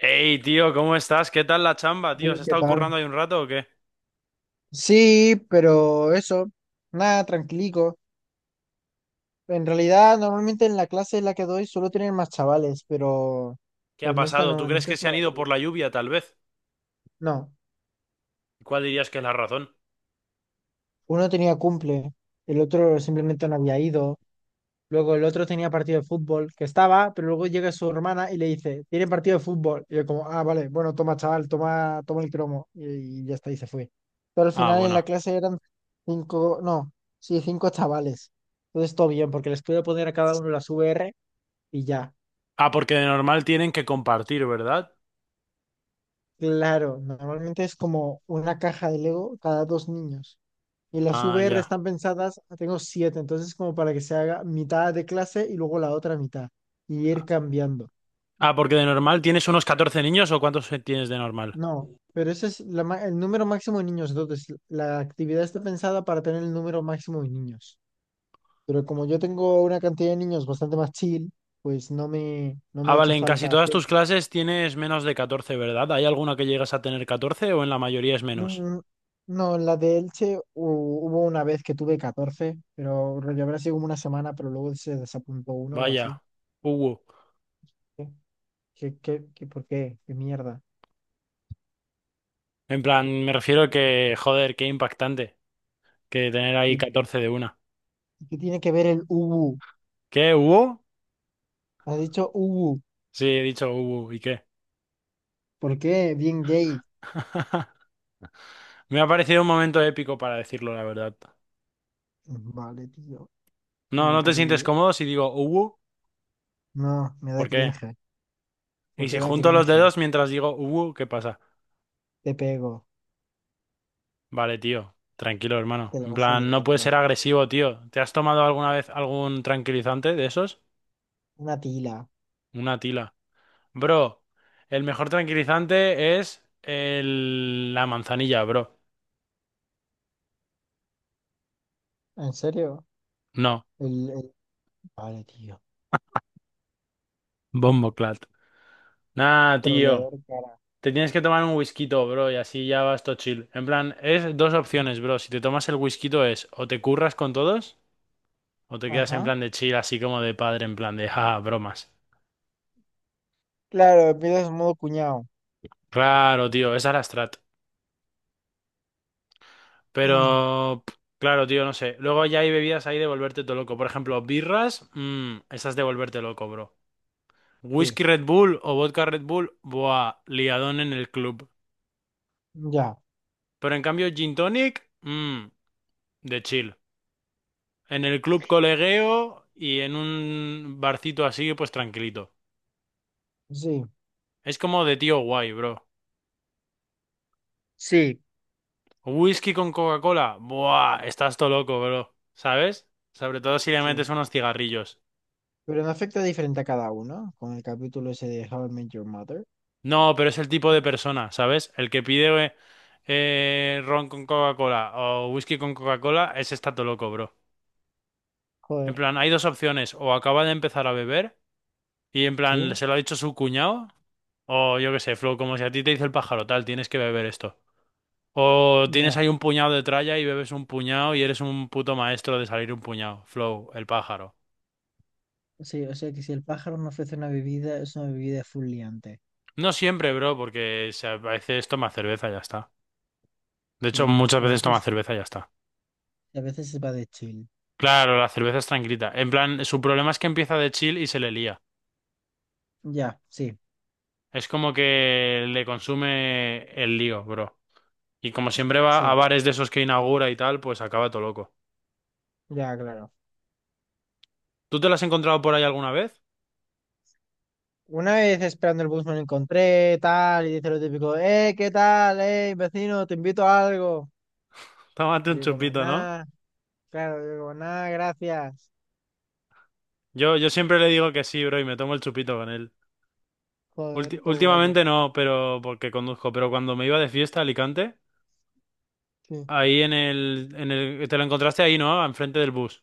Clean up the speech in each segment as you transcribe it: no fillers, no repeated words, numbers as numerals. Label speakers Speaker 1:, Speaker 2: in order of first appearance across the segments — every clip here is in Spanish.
Speaker 1: Hey, tío, ¿cómo estás? ¿Qué tal la chamba, tío? ¿Has
Speaker 2: Sí, ¿qué
Speaker 1: estado
Speaker 2: tal?
Speaker 1: currando ahí un rato o qué?
Speaker 2: Sí, pero eso, nada, tranquilico. En realidad, normalmente en la clase en la que doy solo tienen más chavales, pero,
Speaker 1: ¿Qué
Speaker 2: pero
Speaker 1: ha
Speaker 2: en esta
Speaker 1: pasado?
Speaker 2: no,
Speaker 1: ¿Tú
Speaker 2: en
Speaker 1: crees
Speaker 2: esta
Speaker 1: que se han
Speaker 2: estaba
Speaker 1: ido por
Speaker 2: tú.
Speaker 1: la lluvia, tal vez?
Speaker 2: No,
Speaker 1: ¿Cuál dirías que es la razón?
Speaker 2: uno tenía cumple, el otro simplemente no había ido. Luego el otro tenía partido de fútbol, que estaba, pero luego llega su hermana y le dice, tiene partido de fútbol. Y yo como, ah, vale, bueno, toma, chaval, toma el cromo. Y ya está, y se fue. Pero al
Speaker 1: Ah,
Speaker 2: final en
Speaker 1: bueno.
Speaker 2: la clase eran cinco, no, sí, cinco chavales. Entonces todo bien, porque les puedo poner a cada uno las VR y ya.
Speaker 1: Ah, porque de normal tienen que compartir, ¿verdad?
Speaker 2: Claro, normalmente es como una caja de Lego cada dos niños. Y las
Speaker 1: Ah,
Speaker 2: VR
Speaker 1: ya.
Speaker 2: están pensadas, tengo siete, entonces como para que se haga mitad de clase y luego la otra mitad. Y ir cambiando.
Speaker 1: Ah, porque de normal tienes unos 14 niños o ¿cuántos tienes de normal?
Speaker 2: No, pero ese es el número máximo de niños. Entonces, la actividad está pensada para tener el número máximo de niños. Pero como yo tengo una cantidad de niños bastante más chill, pues no me
Speaker 1: Ah,
Speaker 2: ha hecho
Speaker 1: vale, en casi
Speaker 2: falta
Speaker 1: todas
Speaker 2: hacer.
Speaker 1: tus clases tienes menos de 14, ¿verdad? ¿Hay alguna que llegas a tener 14 o en la mayoría es menos?
Speaker 2: Mm, No, en la de Elche hubo una vez que tuve 14, pero rollo habrá sido como una semana, pero luego se desapuntó uno o así.
Speaker 1: Vaya. Uh.
Speaker 2: ¿Qué, por qué? ¿Qué mierda?
Speaker 1: En plan, me refiero que, joder, qué impactante que tener ahí
Speaker 2: ¿Y
Speaker 1: 14 de una.
Speaker 2: qué tiene que ver el ubu?
Speaker 1: ¿Qué hubo?
Speaker 2: Has dicho ubu.
Speaker 1: Sí, he dicho, ¿y qué?
Speaker 2: ¿Por qué? Bien gay.
Speaker 1: Me ha parecido un momento épico para decirlo, la verdad.
Speaker 2: Vale, tío,
Speaker 1: No,
Speaker 2: lo
Speaker 1: ¿no
Speaker 2: que
Speaker 1: te
Speaker 2: tú
Speaker 1: sientes
Speaker 2: digas.
Speaker 1: cómodo si digo, uh?
Speaker 2: No, me da
Speaker 1: ¿Por qué?
Speaker 2: cringe.
Speaker 1: Y si
Speaker 2: Porque da
Speaker 1: junto los
Speaker 2: cringe.
Speaker 1: dedos mientras digo, ¿qué pasa?
Speaker 2: Te pego.
Speaker 1: Vale, tío, tranquilo,
Speaker 2: Te
Speaker 1: hermano.
Speaker 2: la
Speaker 1: En
Speaker 2: vas a
Speaker 1: plan, no
Speaker 2: llevar,
Speaker 1: puedes
Speaker 2: bro.
Speaker 1: ser agresivo, tío. ¿Te has tomado alguna vez algún tranquilizante de esos?
Speaker 2: Una tila.
Speaker 1: Una tila. Bro, el mejor tranquilizante es la manzanilla, bro.
Speaker 2: ¿En serio?
Speaker 1: No,
Speaker 2: El, el... Vale, tío.
Speaker 1: Bomboclat. Nah, tío.
Speaker 2: Troleador cara.
Speaker 1: Te tienes que tomar un whisky, bro, y así ya vas todo chill. En plan, es dos opciones, bro. Si te tomas el whisky es o te curras con todos o te quedas en
Speaker 2: Ajá.
Speaker 1: plan de chill, así como de padre, en plan de, ja, ja, bromas.
Speaker 2: Claro, empiezas en modo cuñado.
Speaker 1: Claro, tío, esa es la strat.
Speaker 2: Mm,
Speaker 1: Pero, pff, claro, tío, no sé. Luego ya hay bebidas ahí de volverte todo loco. Por ejemplo, birras, esas de volverte loco, bro.
Speaker 2: sí.
Speaker 1: Whisky Red Bull o vodka Red Bull, buah, liadón en el club.
Speaker 2: Ya.
Speaker 1: Pero en cambio, gin tonic, de chill. En el club colegueo y en un barcito así, pues tranquilito.
Speaker 2: Sí.
Speaker 1: Es como de tío guay, bro.
Speaker 2: Sí.
Speaker 1: Whisky con Coca-Cola. Buah, estás todo loco, bro. ¿Sabes? Sobre todo si le
Speaker 2: Sí.
Speaker 1: metes unos cigarrillos.
Speaker 2: Pero no afecta diferente a cada uno. Con el capítulo ese de How I Met Your Mother.
Speaker 1: No, pero es el tipo
Speaker 2: Sí.
Speaker 1: de persona, ¿sabes? El que pide ron con Coca-Cola o whisky con Coca-Cola, ese está todo loco, bro. En
Speaker 2: Joder.
Speaker 1: plan, hay dos opciones. O acaba de empezar a beber y en plan,
Speaker 2: Sí.
Speaker 1: se lo ha dicho su cuñado. O yo qué sé, Flo, como si a ti te dice el pájaro, tal, tienes que beber esto. O tienes
Speaker 2: Ya.
Speaker 1: ahí un puñado de tralla y bebes un puñado y eres un puto maestro de salir un puñado. Flow, el pájaro.
Speaker 2: Sí, o sea que si el pájaro no ofrece una bebida, es una bebida full liante.
Speaker 1: No siempre, bro, porque a veces toma cerveza y ya está. De hecho,
Speaker 2: Sí.
Speaker 1: muchas
Speaker 2: A
Speaker 1: veces toma
Speaker 2: veces,
Speaker 1: cerveza y ya está.
Speaker 2: a veces se va de chill.
Speaker 1: Claro, la cerveza es tranquilita. En plan, su problema es que empieza de chill y se le lía.
Speaker 2: Ya, sí.
Speaker 1: Es como que le consume el lío, bro. Y como siempre va
Speaker 2: Sí,
Speaker 1: a bares de esos que inaugura y tal, pues acaba todo loco.
Speaker 2: ya, claro.
Speaker 1: ¿Tú te lo has encontrado por ahí alguna vez?
Speaker 2: Una vez esperando el bus me lo encontré, tal, y dice lo típico, ¿qué tal? Vecino, te invito a algo.
Speaker 1: Tómate
Speaker 2: Y
Speaker 1: un
Speaker 2: yo como,
Speaker 1: chupito, ¿no?
Speaker 2: nada, claro, yo como, nada, gracias.
Speaker 1: Yo siempre le digo que sí, bro, y me tomo el chupito con él.
Speaker 2: Joder, todo guapo.
Speaker 1: Últimamente no, pero porque conduzco, pero cuando me iba de fiesta a Alicante,
Speaker 2: Sí.
Speaker 1: ahí en el, te lo encontraste ahí, ¿no? Enfrente del bus.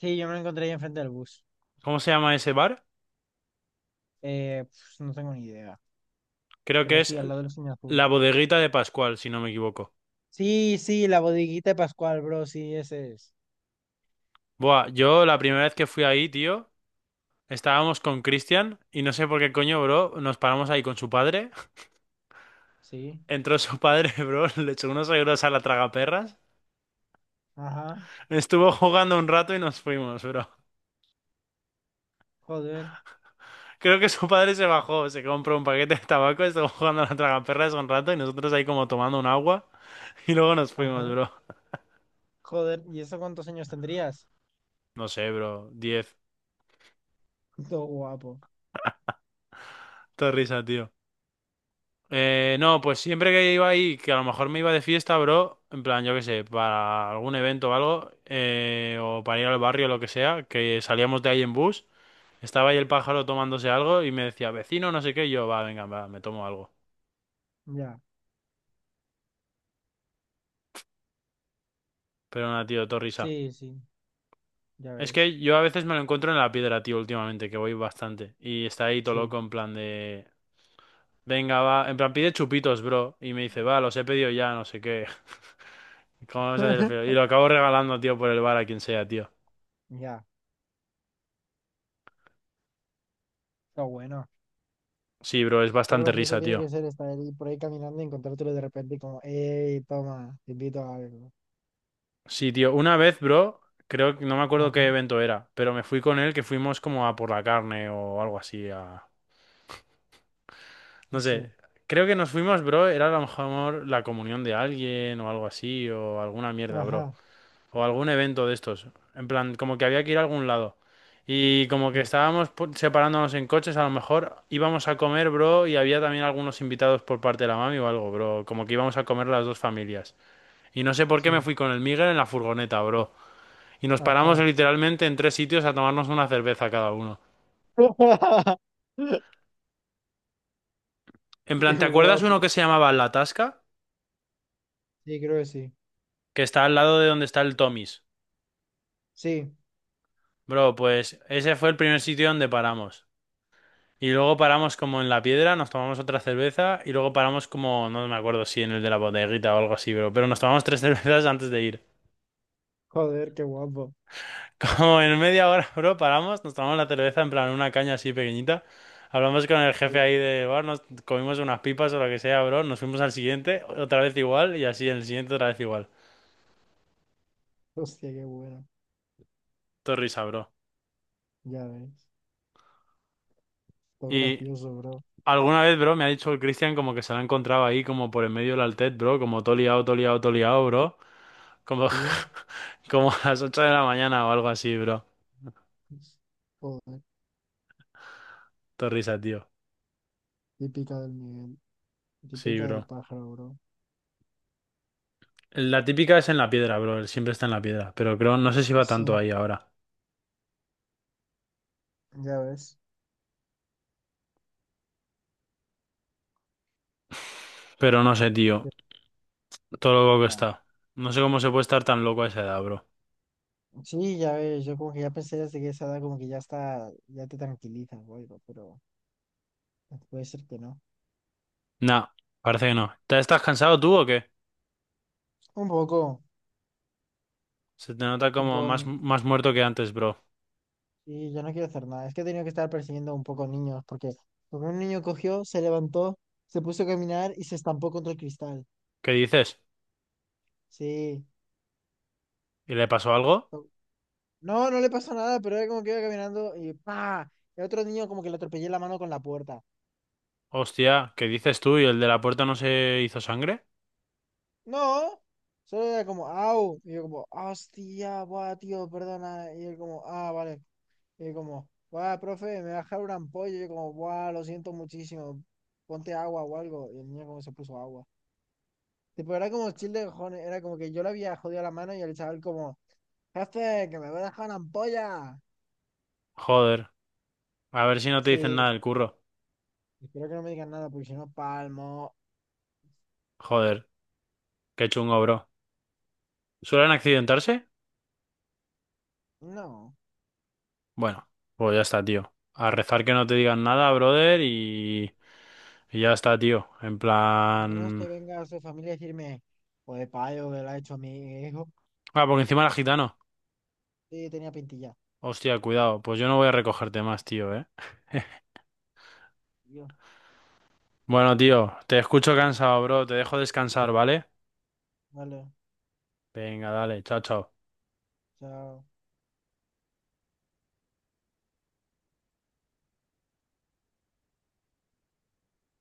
Speaker 2: Sí, yo me lo encontré ahí enfrente del bus.
Speaker 1: ¿Cómo se llama ese bar?
Speaker 2: Pues, no tengo ni idea,
Speaker 1: Creo
Speaker 2: pero
Speaker 1: que
Speaker 2: sí,
Speaker 1: es
Speaker 2: al lado del cine azul.
Speaker 1: la bodeguita de Pascual, si no me equivoco.
Speaker 2: Sí, sí, la bodeguita de Pascual, bro, sí, ese es.
Speaker 1: Buah, yo la primera vez que fui ahí, tío, estábamos con Cristian y no sé por qué coño, bro, nos paramos ahí con su padre.
Speaker 2: Sí,
Speaker 1: Entró su padre, bro, le echó unos euros a la tragaperras,
Speaker 2: ajá,
Speaker 1: estuvo jugando un rato y nos fuimos, bro.
Speaker 2: joder,
Speaker 1: Creo que su padre se bajó, se compró un paquete de tabaco, estuvo jugando a la tragaperras un rato y nosotros ahí como tomando un agua y luego nos fuimos,
Speaker 2: ajá,
Speaker 1: bro.
Speaker 2: joder, ¿y eso cuántos años tendrías?
Speaker 1: No sé, bro. 10.
Speaker 2: Todo guapo,
Speaker 1: Te risa, tío. No, pues siempre que iba ahí, que a lo mejor me iba de fiesta, bro, en plan, yo qué sé, para algún evento o algo, o para ir al barrio o lo que sea, que salíamos de ahí en bus, estaba ahí el pájaro tomándose algo y me decía, vecino, no sé qué, y yo, va, venga, va, me tomo algo.
Speaker 2: ya,
Speaker 1: Pero nada, tío, todo risa.
Speaker 2: sí, sí, ya
Speaker 1: Es
Speaker 2: ves.
Speaker 1: que yo a veces me lo encuentro en la piedra, tío, últimamente, que voy bastante. Y está ahí todo
Speaker 2: Sí.
Speaker 1: loco en plan de... Venga, va. En plan, pide chupitos, bro. Y me dice, va, los he pedido ya, no sé qué. ¿Cómo vas a hacer el feo? Y lo acabo regalando, tío, por el bar a quien sea, tío.
Speaker 2: Ya, está bueno.
Speaker 1: Sí, bro, es
Speaker 2: Todo
Speaker 1: bastante
Speaker 2: gracioso
Speaker 1: risa,
Speaker 2: tiene que
Speaker 1: tío.
Speaker 2: ser estar ahí por ahí caminando y encontrártelo de repente y como, hey, toma, te invito a algo.
Speaker 1: Sí, tío, una vez, bro, creo que no me acuerdo
Speaker 2: Ajá,
Speaker 1: qué evento era, pero me fui con él que fuimos como a por la carne o algo así, a... No
Speaker 2: sí,
Speaker 1: sé, creo que nos fuimos, bro, era a lo mejor la comunión de alguien o algo así, o alguna mierda, bro.
Speaker 2: ajá,
Speaker 1: O algún evento de estos. En plan, como que había que ir a algún lado. Y como que
Speaker 2: sí,
Speaker 1: estábamos separándonos en coches, a lo mejor íbamos a comer, bro, y había también algunos invitados por parte de la mami o algo, bro. Como que íbamos a comer las dos familias. Y no sé por qué me
Speaker 2: sí,
Speaker 1: fui con el Miguel en la furgoneta, bro. Y nos paramos
Speaker 2: ajá.
Speaker 1: literalmente en tres sitios a tomarnos una cerveza cada uno. En
Speaker 2: Qué
Speaker 1: plan, ¿te acuerdas uno
Speaker 2: guapo.
Speaker 1: que se llamaba La Tasca?
Speaker 2: Sí, creo que sí.
Speaker 1: Que está al lado de donde está el Tommy's.
Speaker 2: Sí,
Speaker 1: Bro, pues ese fue el primer sitio donde paramos. Y luego paramos como en la piedra, nos tomamos otra cerveza y luego paramos como, no me acuerdo si en el de la bodeguita o algo así, pero nos tomamos tres cervezas antes de ir.
Speaker 2: joder, qué guapo.
Speaker 1: Como en media hora, bro, paramos, nos tomamos la cerveza en plan una caña así pequeñita. Hablamos con el jefe
Speaker 2: Sí.
Speaker 1: ahí de bar, nos comimos unas pipas o lo que sea, bro. Nos fuimos al siguiente, otra vez igual y así en el siguiente otra vez igual.
Speaker 2: Hostia, qué bueno.
Speaker 1: Todo risa, bro.
Speaker 2: Ya ves. Todo
Speaker 1: Y
Speaker 2: gracioso, bro.
Speaker 1: alguna vez, bro, me ha dicho el Cristian como que se lo ha encontrado ahí como por en medio del altet, bro, como todo liado, todo liado, todo liado, bro. Como,
Speaker 2: Sí.
Speaker 1: como a las 8 de la mañana o algo así, bro.
Speaker 2: Pues, joder,
Speaker 1: Todo risa, tío.
Speaker 2: típica del nivel,
Speaker 1: Sí,
Speaker 2: típica del
Speaker 1: bro.
Speaker 2: pájaro, bro.
Speaker 1: La típica es en la piedra, bro. Él siempre está en la piedra. Pero creo, no sé si va
Speaker 2: Sí,
Speaker 1: tanto ahí ahora.
Speaker 2: ya ves.
Speaker 1: Pero no sé, tío. Todo lo loco que
Speaker 2: Ya.
Speaker 1: está. No sé cómo se puede estar tan loco a esa edad, bro.
Speaker 2: Sí, ya ves, yo como que ya pensé desde que esa edad como que ya está, ya te tranquiliza o algo, pero puede ser que no.
Speaker 1: Nah, parece que no. ¿Te estás cansado tú o qué?
Speaker 2: Un poco,
Speaker 1: Se te nota como
Speaker 2: tipo,
Speaker 1: más, más muerto que antes, bro.
Speaker 2: sí, yo no quiero hacer nada. Es que he tenido que estar persiguiendo un poco niños, porque un niño cogió, se levantó, se puso a caminar y se estampó contra el cristal.
Speaker 1: ¿Qué dices?
Speaker 2: Sí.
Speaker 1: ¿Y le pasó algo?
Speaker 2: O- No, no le pasó nada, pero era como que iba caminando y ¡pa! El otro niño como que le atropellé la mano con la puerta.
Speaker 1: Hostia, ¿qué dices tú? ¿Y el de la puerta no se hizo sangre?
Speaker 2: No, solo era como, ¡au! Y yo como, ¡hostia! Buah, tío, perdona. Y él como, ah, vale. Y como, guau, profe, me va a dejar una ampolla. Y yo como, guau, lo siento muchísimo. Ponte agua o algo. Y el niño como se puso agua. Tipo, era como chill de cojones. Era como que yo le había jodido la mano y el chaval como, jefe, que me voy a dejar una ampolla.
Speaker 1: Joder. A ver si no te dicen
Speaker 2: Sí,
Speaker 1: nada del curro.
Speaker 2: espero que no me digan nada porque si no palmo.
Speaker 1: Joder, qué chungo, bro. ¿Suelen accidentarse?
Speaker 2: No,
Speaker 1: Bueno, pues ya está, tío. A rezar que no te digan nada, brother, y ya está, tío. En
Speaker 2: menos que
Speaker 1: plan...
Speaker 2: venga su familia a decirme, pues payo, que lo ha hecho mi hijo.
Speaker 1: Ah, porque encima era gitano.
Speaker 2: Sí, tenía pintilla.
Speaker 1: Hostia, cuidado. Pues yo no voy a recogerte más, tío, ¿eh?
Speaker 2: Y yo,
Speaker 1: Bueno, tío, te escucho cansado, bro. Te dejo descansar, ¿vale?
Speaker 2: vale,
Speaker 1: Venga, dale. Chao, chao.
Speaker 2: chao.